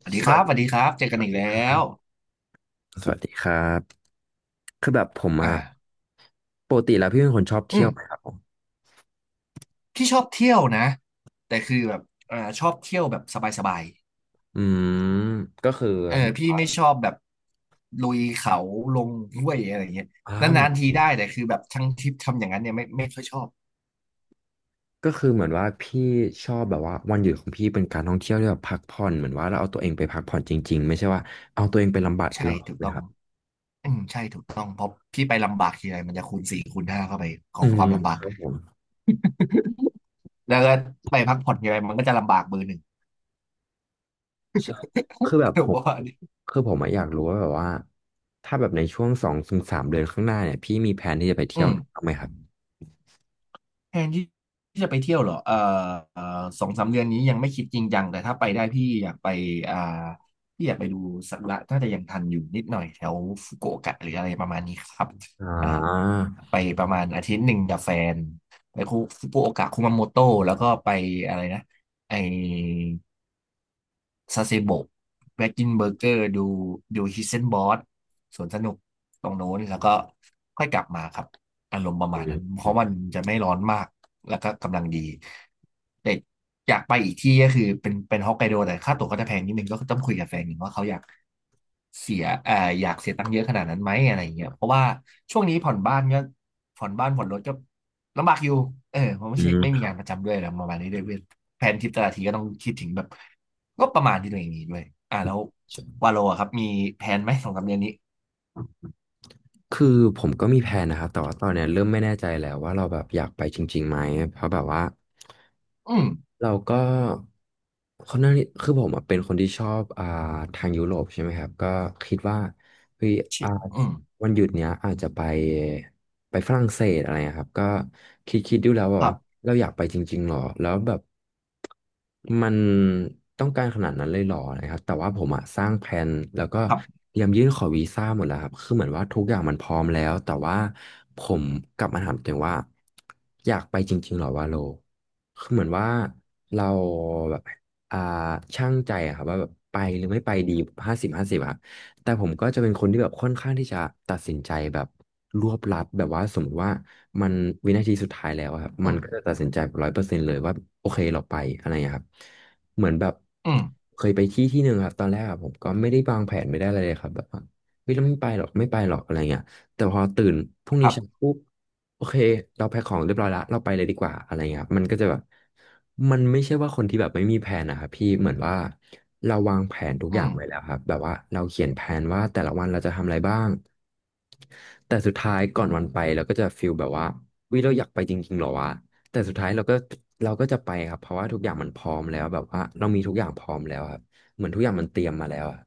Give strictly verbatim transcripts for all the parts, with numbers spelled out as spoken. สวัสสดีควัรัสบสดีวัสดีครับเจอสกันวัสอีกดีแล้ครัวบสวัสดีครับคือแบบผมอ่าอะปกติแล้วพี่เป็นคนชอบอืเที่ยมวไหมครับผมพี่ชอบเที่ยวนะแต่คือแบบอ่าชอบเที่ยวแบบสบายอืมก็คือๆเออพี่ไม่ชอบแบบลุยเขาลงห้วยอะไรอย่างเงี้ยอ้าวเหมืนานอๆทีนได้แต่คือแบบทั้งทริปทำอย่างนั้นเนี่ยไม่ไม่ค่อยชอบก็คือเหมือนว่าพี่ชอบแบบว่าวันหยุดของพี่เป็นการท่องเที่ยวที่แบบพักผ่อนเหมือนว่าเราเอาตัวเองไปพักผ่อนจริงๆไม่ใช่ว่าเอาตัวเองไปลำบากอีกใช่รอบถูกนะต้อคงรับอืมใช่ถูกต้องเพราะพี่ไปลำบากทีไรมันจะคูณสี่คูณห้าเข้าไปขออืงความมลำบาคกรับผมแล้วก็ไปพักผ่อนทีไรมันก็จะลำบากเบอร์หนึ่ง ใช่คือ แบบผผมบมอกว่าอันนี้คือผมอะอยากรู้ว่าแบบว่าถ้าแบบในช่วงสองถึงสามเดือนข้างหน้าเนี่ยพี่มีแผนที่จะไปเที่อืยวม ไหนบ้างไหมครับแทนที่ที่จะไปเที่ยวเหรอเอ่อเอ่อสองสามเดือนนี้ยังไม่คิดจริงจังแต่ถ้าไปได้พี่อยากไปอ่าพี่อยากไปดูสักุระน่าจะยังทันอยู่นิดหน่อยแถวฟุกุโอกะหรืออะไรประมาณนี้ครับอ่อ่าาไปประมาณอาทิตย์หนึ่งกับแฟนไปฟุกุโอกะคุมาโมโตะแล้วก็ไปอะไรนะไอ ซาเซโบะแบ็กกินเบอร์เกอร์ดูดูฮิสเซนบอสสวนสนุกตรงโน้นแล้วก็ค่อยกลับมาครับอารมณ์ประอืมาณมนั้นเพอืราะมมันจะไม่ร้อนมากแล้วก็กำลังดีแต่อยากไปอีกที่ก็คือเป็นเป็นฮอกไกโดแต่ค่าตั๋วก็จะแพงนิดนึงก็ต้องคุยกับแฟนหนึ่งว่าเขาอยากเสียเอ่ออยากเสียตังค์เยอะขนาดนั้นไหมอะไรอย่างเงี้ยเพราะว่าช่วงนี้ผ่อนบ้านก็ผ่อนบ้านผ่อนรถก็ ลำบากอยู่เออเพราะไม่อืใช่มไม่คมีรังาบ นประจำด้วยแล้วประมาณนี้ด้วยเว้ยแผนทริปแต่ละทีก็ต้องคิดถึงแบบก็ประมาณที่ตัวเองมีด้วยอ่าแล้ววาโลอะครับมีแผนไหมสองสามเดือนนี้คือผมก็มีแผนนะครับแต่ว่าตอนเนี้ยเริ่มไม่แน่ใจแล้วว่าเราแบบอยากไปจริงๆไหมเพราะแบบว่าอืมเราก็คนนั้นคือผมอะเป็นคนที่ชอบอ่าทางยุโรปใช่ไหมครับก็คิดว่าเฮ้ยชิอ่าอืมวันหยุดเนี้ยอาจจะไปไปฝรั่งเศสอะไรอะครับก็คิดคิดดูแล้วแบคบรัว่าบเราอยากไปจริงๆหรอแล้วแบบ มันต้องการขนาดนั้นเลยเหรอนะครับแต่ว่าผมอะสร้างแผนแล้วก็ครับเตรียมยื่นขอวีซ่าหมดแล้วครับคือเหมือนว่าทุกอย่างมันพร้อมแล้วแต่ว่าผมกลับมาถามตัวเองว่าอยากไปจริงๆเหรอวาโลคือเหมือนว่าเราแบบอ่าช่างใจอะครับว่าแบบไปหรือไม่ไปดีห้าสิบห้าสิบอะ แต่ผมก็จะเป็นคนที่แบบค่อนข้างที่จะตัดสินใจแบบรวบลัดแบบว่าสมมติว่ามันวินาทีสุดท้ายแล้วอะครับอืมันมก็จะตัดสินใจร้อยเปอร์เซ็นต์เลยว่าโอเคเราไปอะไรอย่างเงี้ยครับเหมือนแบบอืมเคยไปที่ที่หนึ่งครับตอนแรกอะผมก็ไม่ได้วางแผนไม่ได้อะไรเลยครับแบบว่าเฮ้ยเราไม่ไปหรอกไม่ไปหรอกอะไรเงี้ย แต่พอตื่นพรุ่งคนี้รัเช้าบปุ๊บโอเคเราแพ็คของเรียบร้อยละเราไปเลยดีกว่าอะไรเงี้ยครับมันก็จะแบบมันไม่ใช่ว่าคนที่แบบไม่มีแผนนะครับพี่เหมือนว่าเราวางแผนทุกอือย่างมไว้แล้วครับแบบว่าเราเขียนแผนว่าแต่ละวันเราจะทำอะไรบ้างแต่สุดท้ายก่อนวันไปเราก็จะฟีลแบบว่าวิเราอยากไปจริงๆเหรอวะแต่สุดท้ายเราก็เราก็จะไปครับเพราะว่าทุกอย่างมันพร้อมแล้วแบบว่าเรามีทุกอย่างพร้อมแล้วครับเหมือนทุกอย่างมันเตรียมมาแล้วอะ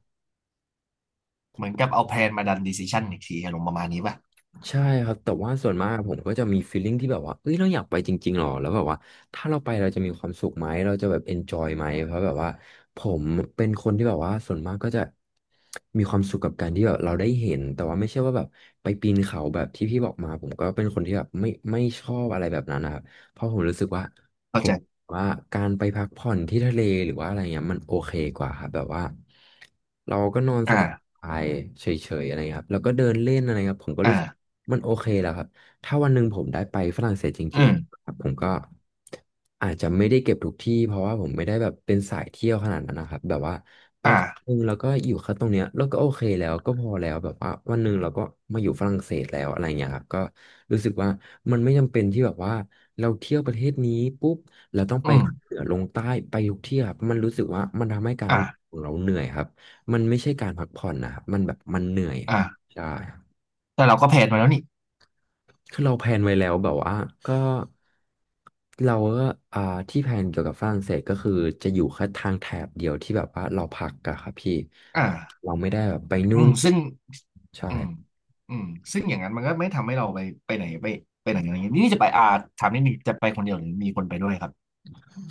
เหมือนกับเอาแพลนมาดันดีซิชันอีกทีอารมณ์ประมาณนี้ป่ะใช่ครับ แต่ว่าส่วนมากผมก็จะมี feeling ที่แบบว่าเอ้ยเราอยากไปจริงๆหรอแล้วแบบว่าถ้าเราไปเราจะมีความสุขไหมเราจะแบบ enjoy ไหมเพราะแบบว่าผมเป็นคนที่แบบว่าส่วนมากก็จะมีความสุขกับการที่แบบเราได้เห็นแต่ว่าไม่ใช่ว่าแบบไปปีนเขาแบบที่พี่บอกมาผมก็เป็นคนที่แบบไม่ไม่ชอบอะไรแบบนั้นนะครับเพราะผมรู้สึกว่าผเข้าใจมว่าการไปพักผ่อนที่ทะเลหรือว่าอะไรเงี้ยมันโอเคกว่าครับแบบว่าเราก็นอนสอ่าบายๆเฉยๆอะไรเงี้ยครับแล้วก็เดินเล่นอะไรครับผมก็อ่ารู้สึก มันโอเคแล้วครับถ้าวันหนึ่งผมได้ไปฝรั่งเศสจอืริงมๆครับผมก็อาจจะไม่ได้เก็บทุกที่เพราะว่าผมไม่ได้แบบเป็นสายเที่ยวขนาดนั้นนะครับแบบว่าไปครั้งอ่าหนึงแล้วก็อยู่แค่ตรงเนี้ยแล้วก็โอเคแล้วก็พอแล้วแบบว่าวันหนึ่งเราก็มาอยู่ฝรั่งเศสแล้วอะไรเงี้ยครับก็รู้สึกว่ามันไม่จำเป็นที่แบบว่าเราเที่ยวประเทศนี้ปุ๊บเราต้องอืไปมเหนือลงใต้ไปทุกที่ครับมันรู้สึกว่ามันทำให้การท่อ่าองเที่ยวของเราเหนื่อยครับมันไม่ใช่การพักผ่อนนะครับมันแบบมันเหนื่อยคอ่ารับใช่ แต่เราก็แพลนมาแล้วนี่คือเราแพลนไว้แล้วแบบว่าก็เราก็อ่าที่แพลนเกี่ยวกับฝรั่งเศสก็คือจะอยู่แค่ทางแถบเดียวที่แบบว่าเราพักอะครับพี่อ่า เราไม่ได้แบบไปอืนู่นมซึ่งใช่อืมอืมซึ่งอย่างนั้นมันก็ไม่ทำให้เราไปไปไหนไปไปไหนอะไรอย่างนี้นี่จะไปอาถามนิดนึงจะไปคนเดียวหรือมีคนไปด้วยครับ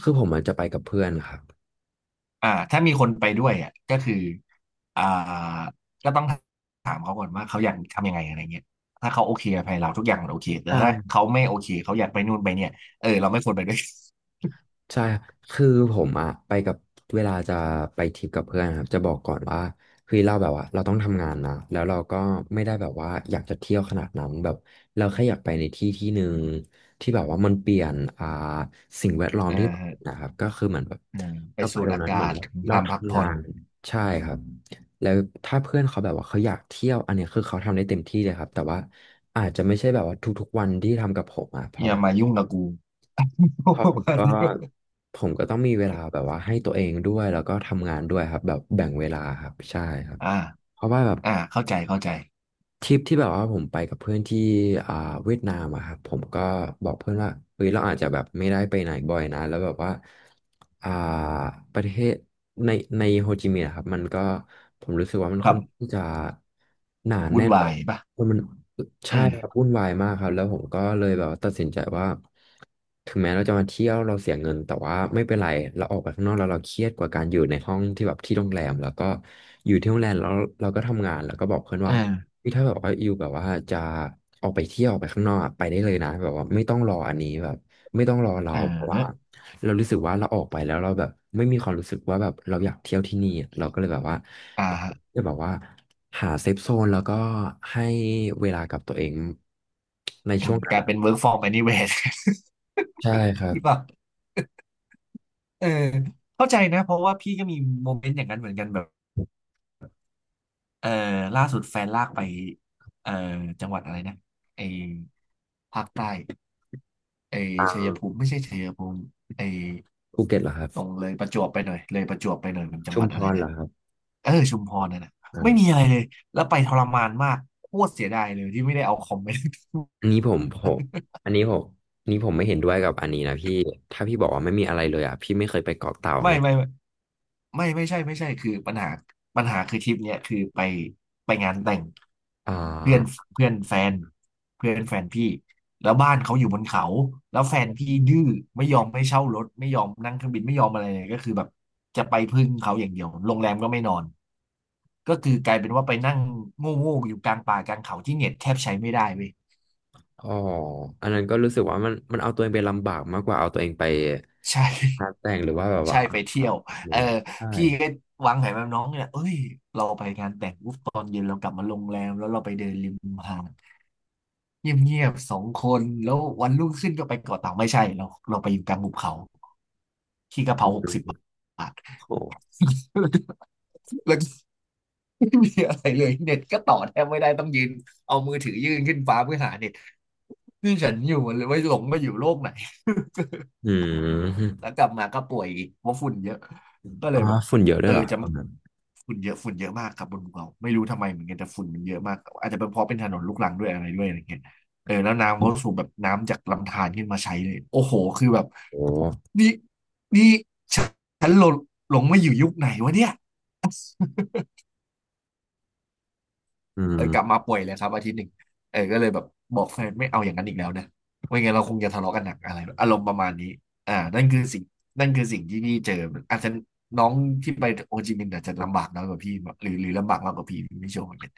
คือผมอาจจะไปกับเพื่อนครับอ่าถ้ามีคนไปด้วยอ่ะก็คืออ่าก็ต้องถามเขาก่อนว่าเขาอยากทำยังไงอะไรเงี้ยถ้าเขาโอเคกับไปเราทุกอย่างมันโอเคแต่ถ้าใช่ เขาไม่โอเคเขาอยากไปนู่นไปเนี่ยเออเราไม่ควรไปด้วย ใช่ครับคือผมอะไปกับเวลาจะไปทริปกับเพื่อนครับจะบอกก่อนว่าเฮ้ยเราแบบว่าเราต้องทำงานนะแล้วเราก็ไม่ได้แบบว่าอยากจะเที่ยวขนาดนั้นแบบเราแค่อยากไปในที่ที่หนึ่งที่แบบว่ามันเปลี่ยนอ่าสิ่งแวดล้อ มอ่าที่เราอฮะยู่นะครับก็คือเหมือนแบบอ่าไปเราไปสูดตรงอานั้นเหมืกาอนศว่าเราทำพักทำผ่งาอนนใช่ครับแล้วถ้าเพื่อนเขาแบบว่าเขาอยากเที่ยวอันเนี้ยคือเขาทำได้เต็มที่เลยครับแต่ว่าอาจจะไม่ใช่แบบว่าทุกๆวันที่ทำกับผมอะเพอราะแบย่าบ มายุ่งกับกู เพราะ ปผระมมาณก็นี้ด้วยผมก็ต้องมีเวลาแบบว่าให้ตัวเองด้วยแล้วก็ทำงานด้วยครับแบบแบ่งเวลาครับใช่ครับอ่าเพราะว่าแบบ อ่าเข้าใจเข้าใจทริปที่แบบว่าผมไปกับเพื่อนที่อ่าเวียดนามอะครับผมก็บอกเพื่อนว่าเฮ้ยเราอาจจะแบบไม่ได้ไปไหนบ่อยนะแล้วแบบว่าอ่าประเทศในในโฮจิมินห์อะครับมันก็ผมรู้สึกว่ามันคค่รัอนบข้างจะหนาวุ่แน่นนแล้วาวยป่ะมันใช่ครับเออ วุ่นวายมากครับแล้วผมก็เลยแบบว่าตัดสินใจว่าถึงแม้เราจะมาเที่ยวเราเสียเงินแต่ว่าไม่เป็นไรเราออกไปข้างนอกแล้วเราเครียดกว่าการอยู่ในห้องที่แบบที่โรงแรมแล้วก็อยู่ที่โรงแรมแล้วเราก็ทำงานแล้วก็บอกเพื่อนว่า อ่าคือถ้าแบบว่าอยู่แบบว่าจะออกไปเที่ยวออกไปข้างนอกอะไปได้เลยนะแบบว่าไม่ต้องรออันนี้แบบไม่ต้องรอเราอ่าเพราะว่าฮะเรารู้สึกว่าเราออกไปแล้วเราแบบไม่มีความรู้สึกว่าแบบเราอยากเที่ยวที่นี่อะเราก็เลยแบบว่าอ่าฮะจะแบบว่าหาเซฟโซนแล้วก็ให้เวลากับตัวเองในอืช่วมงนั้กนลายอะเป็น work from anywhere ใช่ครั หบรือเปล่าเออเข้าใจนะเพราะว่าพี่ก็มีโมเมนต์อย่างนั้นเหมือนกันแบบเออล่าสุดแฟนลากไปเออจังหวัดอะไรนะไอภาคใต้ไอทางชัยภูมิไม่ใช่ชัยภูมิไอภูเก็ตเหรอครับตรงเลยประจวบไปหน่อยเลยประจวบไปหน่อยมันจังชุหมวัดพอะไรรเหรนะอครับเออชุมพรนั่นนะไม่มีอ่าอะไรเลยแล้วไปทรมานมากโคตรเสียดายเลยที่ไม่ได้เอาคอมไป อันนี้ผมผมอันนี้ผมอันนี้ผมไม่เห็นด้วยกับอันนี้นะพี่ถ้าพี่บอกว่าไม่มีอะไรเลยอ่ะพี่ไม่เคยไปเกาะเต่าไม่แน่ ไม่ไม่ไม่ไม่ใช่ไม่ใช่คือปัญหาปัญหาคือทริปเนี้ยคือไปไปงานแต่งอ่เพื่อนาเพื่อนแฟนเพื่อนแฟนพี่แล้วบ้านเขาอยู่บนเขาแล้วแฟนพี่ดื้อไม่ยอมให้เช่ารถไม่ยอมนั่งเครื่องบินไม่ยอมอะไรเลยก็คือแบบจะไปพึ่งเขาอย่างเดียวโรงแรมก็ไม่นอนก็คือกลายเป็นว่าไปนั่งโง่ๆอยู่กลางป่ากลางเขาที่เน็ตแทบใช้ไม่ได้เว้ยอ๋ออันนั้นก็รู้สึกว่ามันมันเอาตัวเองไปลำบากมากกว่าเอาตัวเองไปใช่ หานแต่งหรือว่าแบบใช่ว่าไปเที่ยวอืเออมใช่พี่ก็วางแผนแบบน้องเนี่ยเอ้ยเราไปงานแต่งปุ๊บตอนเย็นเรากลับมาโรงแรมแล้วเราไปเดินริมหาดเงียบๆ สองคนแล้ววันรุ่งขึ้นก็ไปเกาะเต่าไม่ใช่เราเราไปอยู่กลางหุบเขาขี้กะเพราหกสิบบาท โอ้ แล้วก็ไม่มีอะไรเลยเน็ตก็ต่อแทบไม่ได้ต้องยืนเอามือถือยื่นขึ้นฟ้าเพื่อหาเน็ตนี่ฉันอยู่มันเลยไม่หลงมาอยู่โลกไหน อืแล้วมกลับมาก็ป่วยอีกเพราะฝุ่นเยอะก็เลอ่ายแบบฝุ่นเยอะด้เอวอยเหรอจะตอนนั้นฝุ่นเยอะฝุ่นเยอะมากครับบนภูเขาไม่รู้ทำไมเหมือนกันแต่ฝุ่นมันเยอะมากอาจจะเป็นเพราะเป็นถนนลูกรังด้วยอะไรด้วยอะไรเงี้ยเออแล้วน้ำก็สูบแบบน้ำจากลำธารขึ้นมาใช้เลยโอ้โหคือแบบโอ้นี่นี่ฉันหลงหลงมาอยู่ยุคไหนวะเนี่ย อืเออมกลับมาป่วยเลยครับอาทิตย์หนึ่งเออก็เลยแบบบอกแฟนไม่เอาอย่างนั้นอีกแล้วนะไม่งั้นเราคงจะทะเลาะกันหนักอะไรอารมณ์ประมาณนี้อ่านั่นคือสิ่งนั่นคือสิ่งที่พี่เจออาจจะน้องที่ไปโอจิมินห์อาจจะลำบากน้อยกว่าพี่หรือหรือลำบากมากกว่าพี่ไม่ชัวร์เหมือนกัน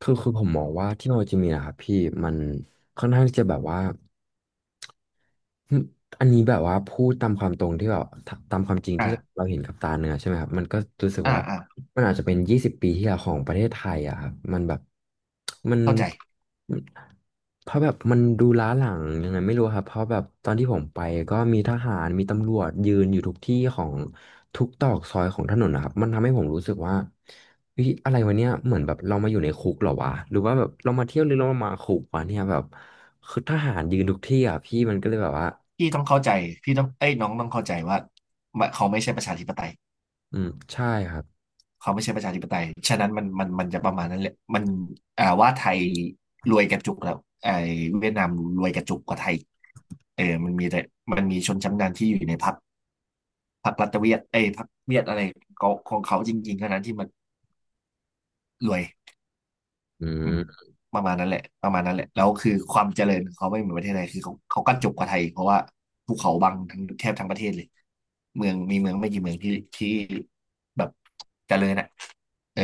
คือคือผมมองว่าที่โนโลยีมีนะครับพี่มันค่อนข้างที่จะแบบว่า อืมอันนี้แบบว่าพูดตามความตรงที่แบบตาตามความจริงที่อ่าเราเห็นกับตาเนื้อใช่ไหมครับมันก็รู้สึกอ่าว่าอ่ามันอาจจะเป็นยี่สิบปีที่แล้วของประเทศไทยอะครับมันแบบมันเข้าใจมันเพราะแบบมันดูล้าหลังยังไงไม่รู้ครับเพราะแบบตอนที่ผมไปก็มีทหารมีตำรวจยืนอยู่ทุกที่ของ ทุกตรอกซอยของถนนนะครับมันทำให้ผมรู้สึกว่าเฮ้ยอะไรวะเนี่ยเหมือนแบบเรามาอยู่ในคุกเหรอวะหรือว่าแบบเรามาเที่ยวหรือเรามาคุกวะเนี่ยแบบคือทหารยืนทุกที่อ่ะพี่มันก็เลยแบบว่าพี่ต้องเข้าใจพี่ต้องเอ้ยน้องต้องเข้าใจว่าเขาไม่ใช่ประชาธิปไตย อืมใช่ครับเขาไม่ใช่ประชาธิปไตยฉะนั้นมันมันมันจะประมาณนั้นแหละมันอ่าว่าไทยรวยกระจุกแล้วไอ้เวียดนามรวยกระจุกกว่าไทยเออมันมีแต่มันมีชนชั้นนำที่อยู่ในพรรคพรรครัฐเวียดเอ้ยพรรคเวียดอะไรของของเขาจริงๆเท่านั้นที่มันรวย อือืมมประมาณนั้นแหละประมาณนั้นแหละแล้วคือความเจริญของเขาไม่เหมือนประเทศไทยคือเขาเขากระจบกกว่าไทยเพราะว่าภูเขาบังทั้งแทบทั้งประเทศเลยเมืองมีเมืองไม่กี่เมืองที่ที่แบบเจริญอ่ะเออ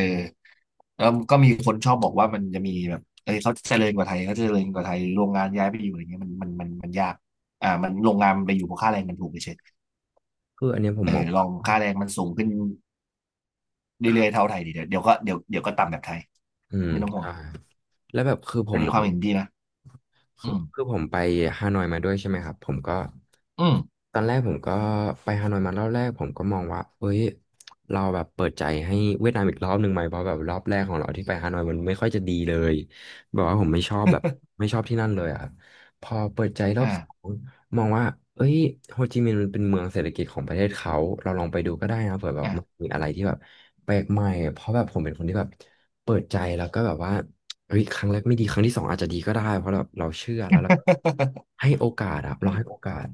แล้วก็มีคนชอบบอกว่ามันจะมีแบบเอ้ยเขาเจริญกว่าไทยเขาเจริญกว่าไทยโรงงานย้ายไปอยู่อะไรเงี้ยมันมันมันมันยากอ่ามันโรงงานมันไปอยู่เพราะค่าแรงมันถูกเฉยคืออันเนี้ยผมเออมองลองค่าแรงมันสูงขึ้นครัเรื่อยๆบเท่าไทยดีเดี๋ยวเดี๋ยวก็เดี๋ยวเดี๋ยวก็ต่ำแบบไทยอืมไม่ต้องห่วงใช่แล้วแบบคือผอันมนี้มคอวาง มเห็นดีนะอืคือมคือผมไปฮานอยมาด้วยใช่ไหมครับผมก็อืม ตอนแรกผมก็ไปฮานอยมารอบแรกผมก็มองว่าเอ้ยเราแบบเปิดใจให้เวียดนามอีกรอบหนึ่งไหมเพราะแบบรอบแรกของเราที่ไปฮานอยมันไม่ค่อยจะดีเลยแบบว่าผมไม่ชอบแบบไม่ชอบที่นั่นเลยอะครับพอเปิดใจรอบอ่าสองมองว่าเอ้ยโฮจิมินห์มันเป็นเมืองเศรษฐกิจของประเทศเขาเราลองไปดูก็ได้นะเผื่อแบบอ่า มันมีอะไรที่แบบแปลกใหม่เพราะแบบผมเป็นคนที่แบบเปิดใจแล้วก็แบบว่า เฮ้ยครั้งแรกไม่ดีครั้งที่สองอาจจะดีก็ได้เพราะแบบเราเชื่อแล้วเราให้โอกาสอะเรา ให้โอกาส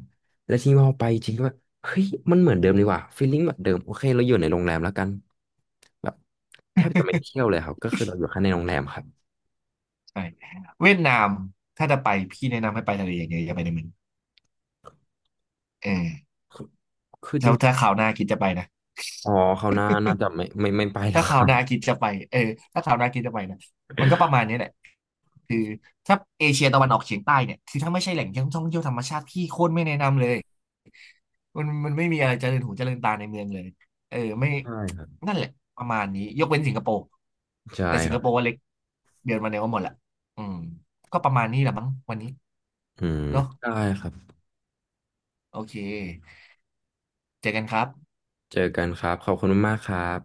แล้วทีนี้พอไปจริงก็แบบเฮ้ยมันเหมือนเดิมดีกว่าฟีลลิ่งแบบเดิมโอเคเราอยู่ในโรงแรมแล้วกันแบบแทบจะไม่ได้เที่ยวเลยครับก็คือเราอยู่แค่ในโรงแรมครับใช่เวียดนามถ้าจะไปพี่แนะนำให้ไปทะเลอย่างเดียวอย่าไปในเมืองเออคือคือจถ้าริงถ้าคราวหน้าคิดจะไปนะอ๋อเขาวหน่าน่าจะไม่ไม่ไม่ไปแล้วถ้าคคราวรับหน้าคิดจะไปเออถ้าคราวหน้าคิดจะไปนะมันก็ประมาณนี้แหละคือถ้าเอเชียตะวันออกเฉียงใต้เนี่ยคือถ้าไม่ใช่แหล่งท่องเที่ยวธรรมชาติพี่โคตรไม่แนะนำเลยมันมันไม่มีอะไรเจริญหูเจริญตาในเมืองเลยเออไม่ใช่ครับนั่นแหละประมาณนี้ยกเว้นสิงคโปร์ใช่แต่สิคงครับโปร์ว่าเล็กเดือนมาเนี้ยก็หมดละอืมก็ประมาณนี้แหละมั้งวันนี้อืมเนาะ ได้ครับโอเคเจอกันครับเจอกันครับขอบคุณมากๆครับ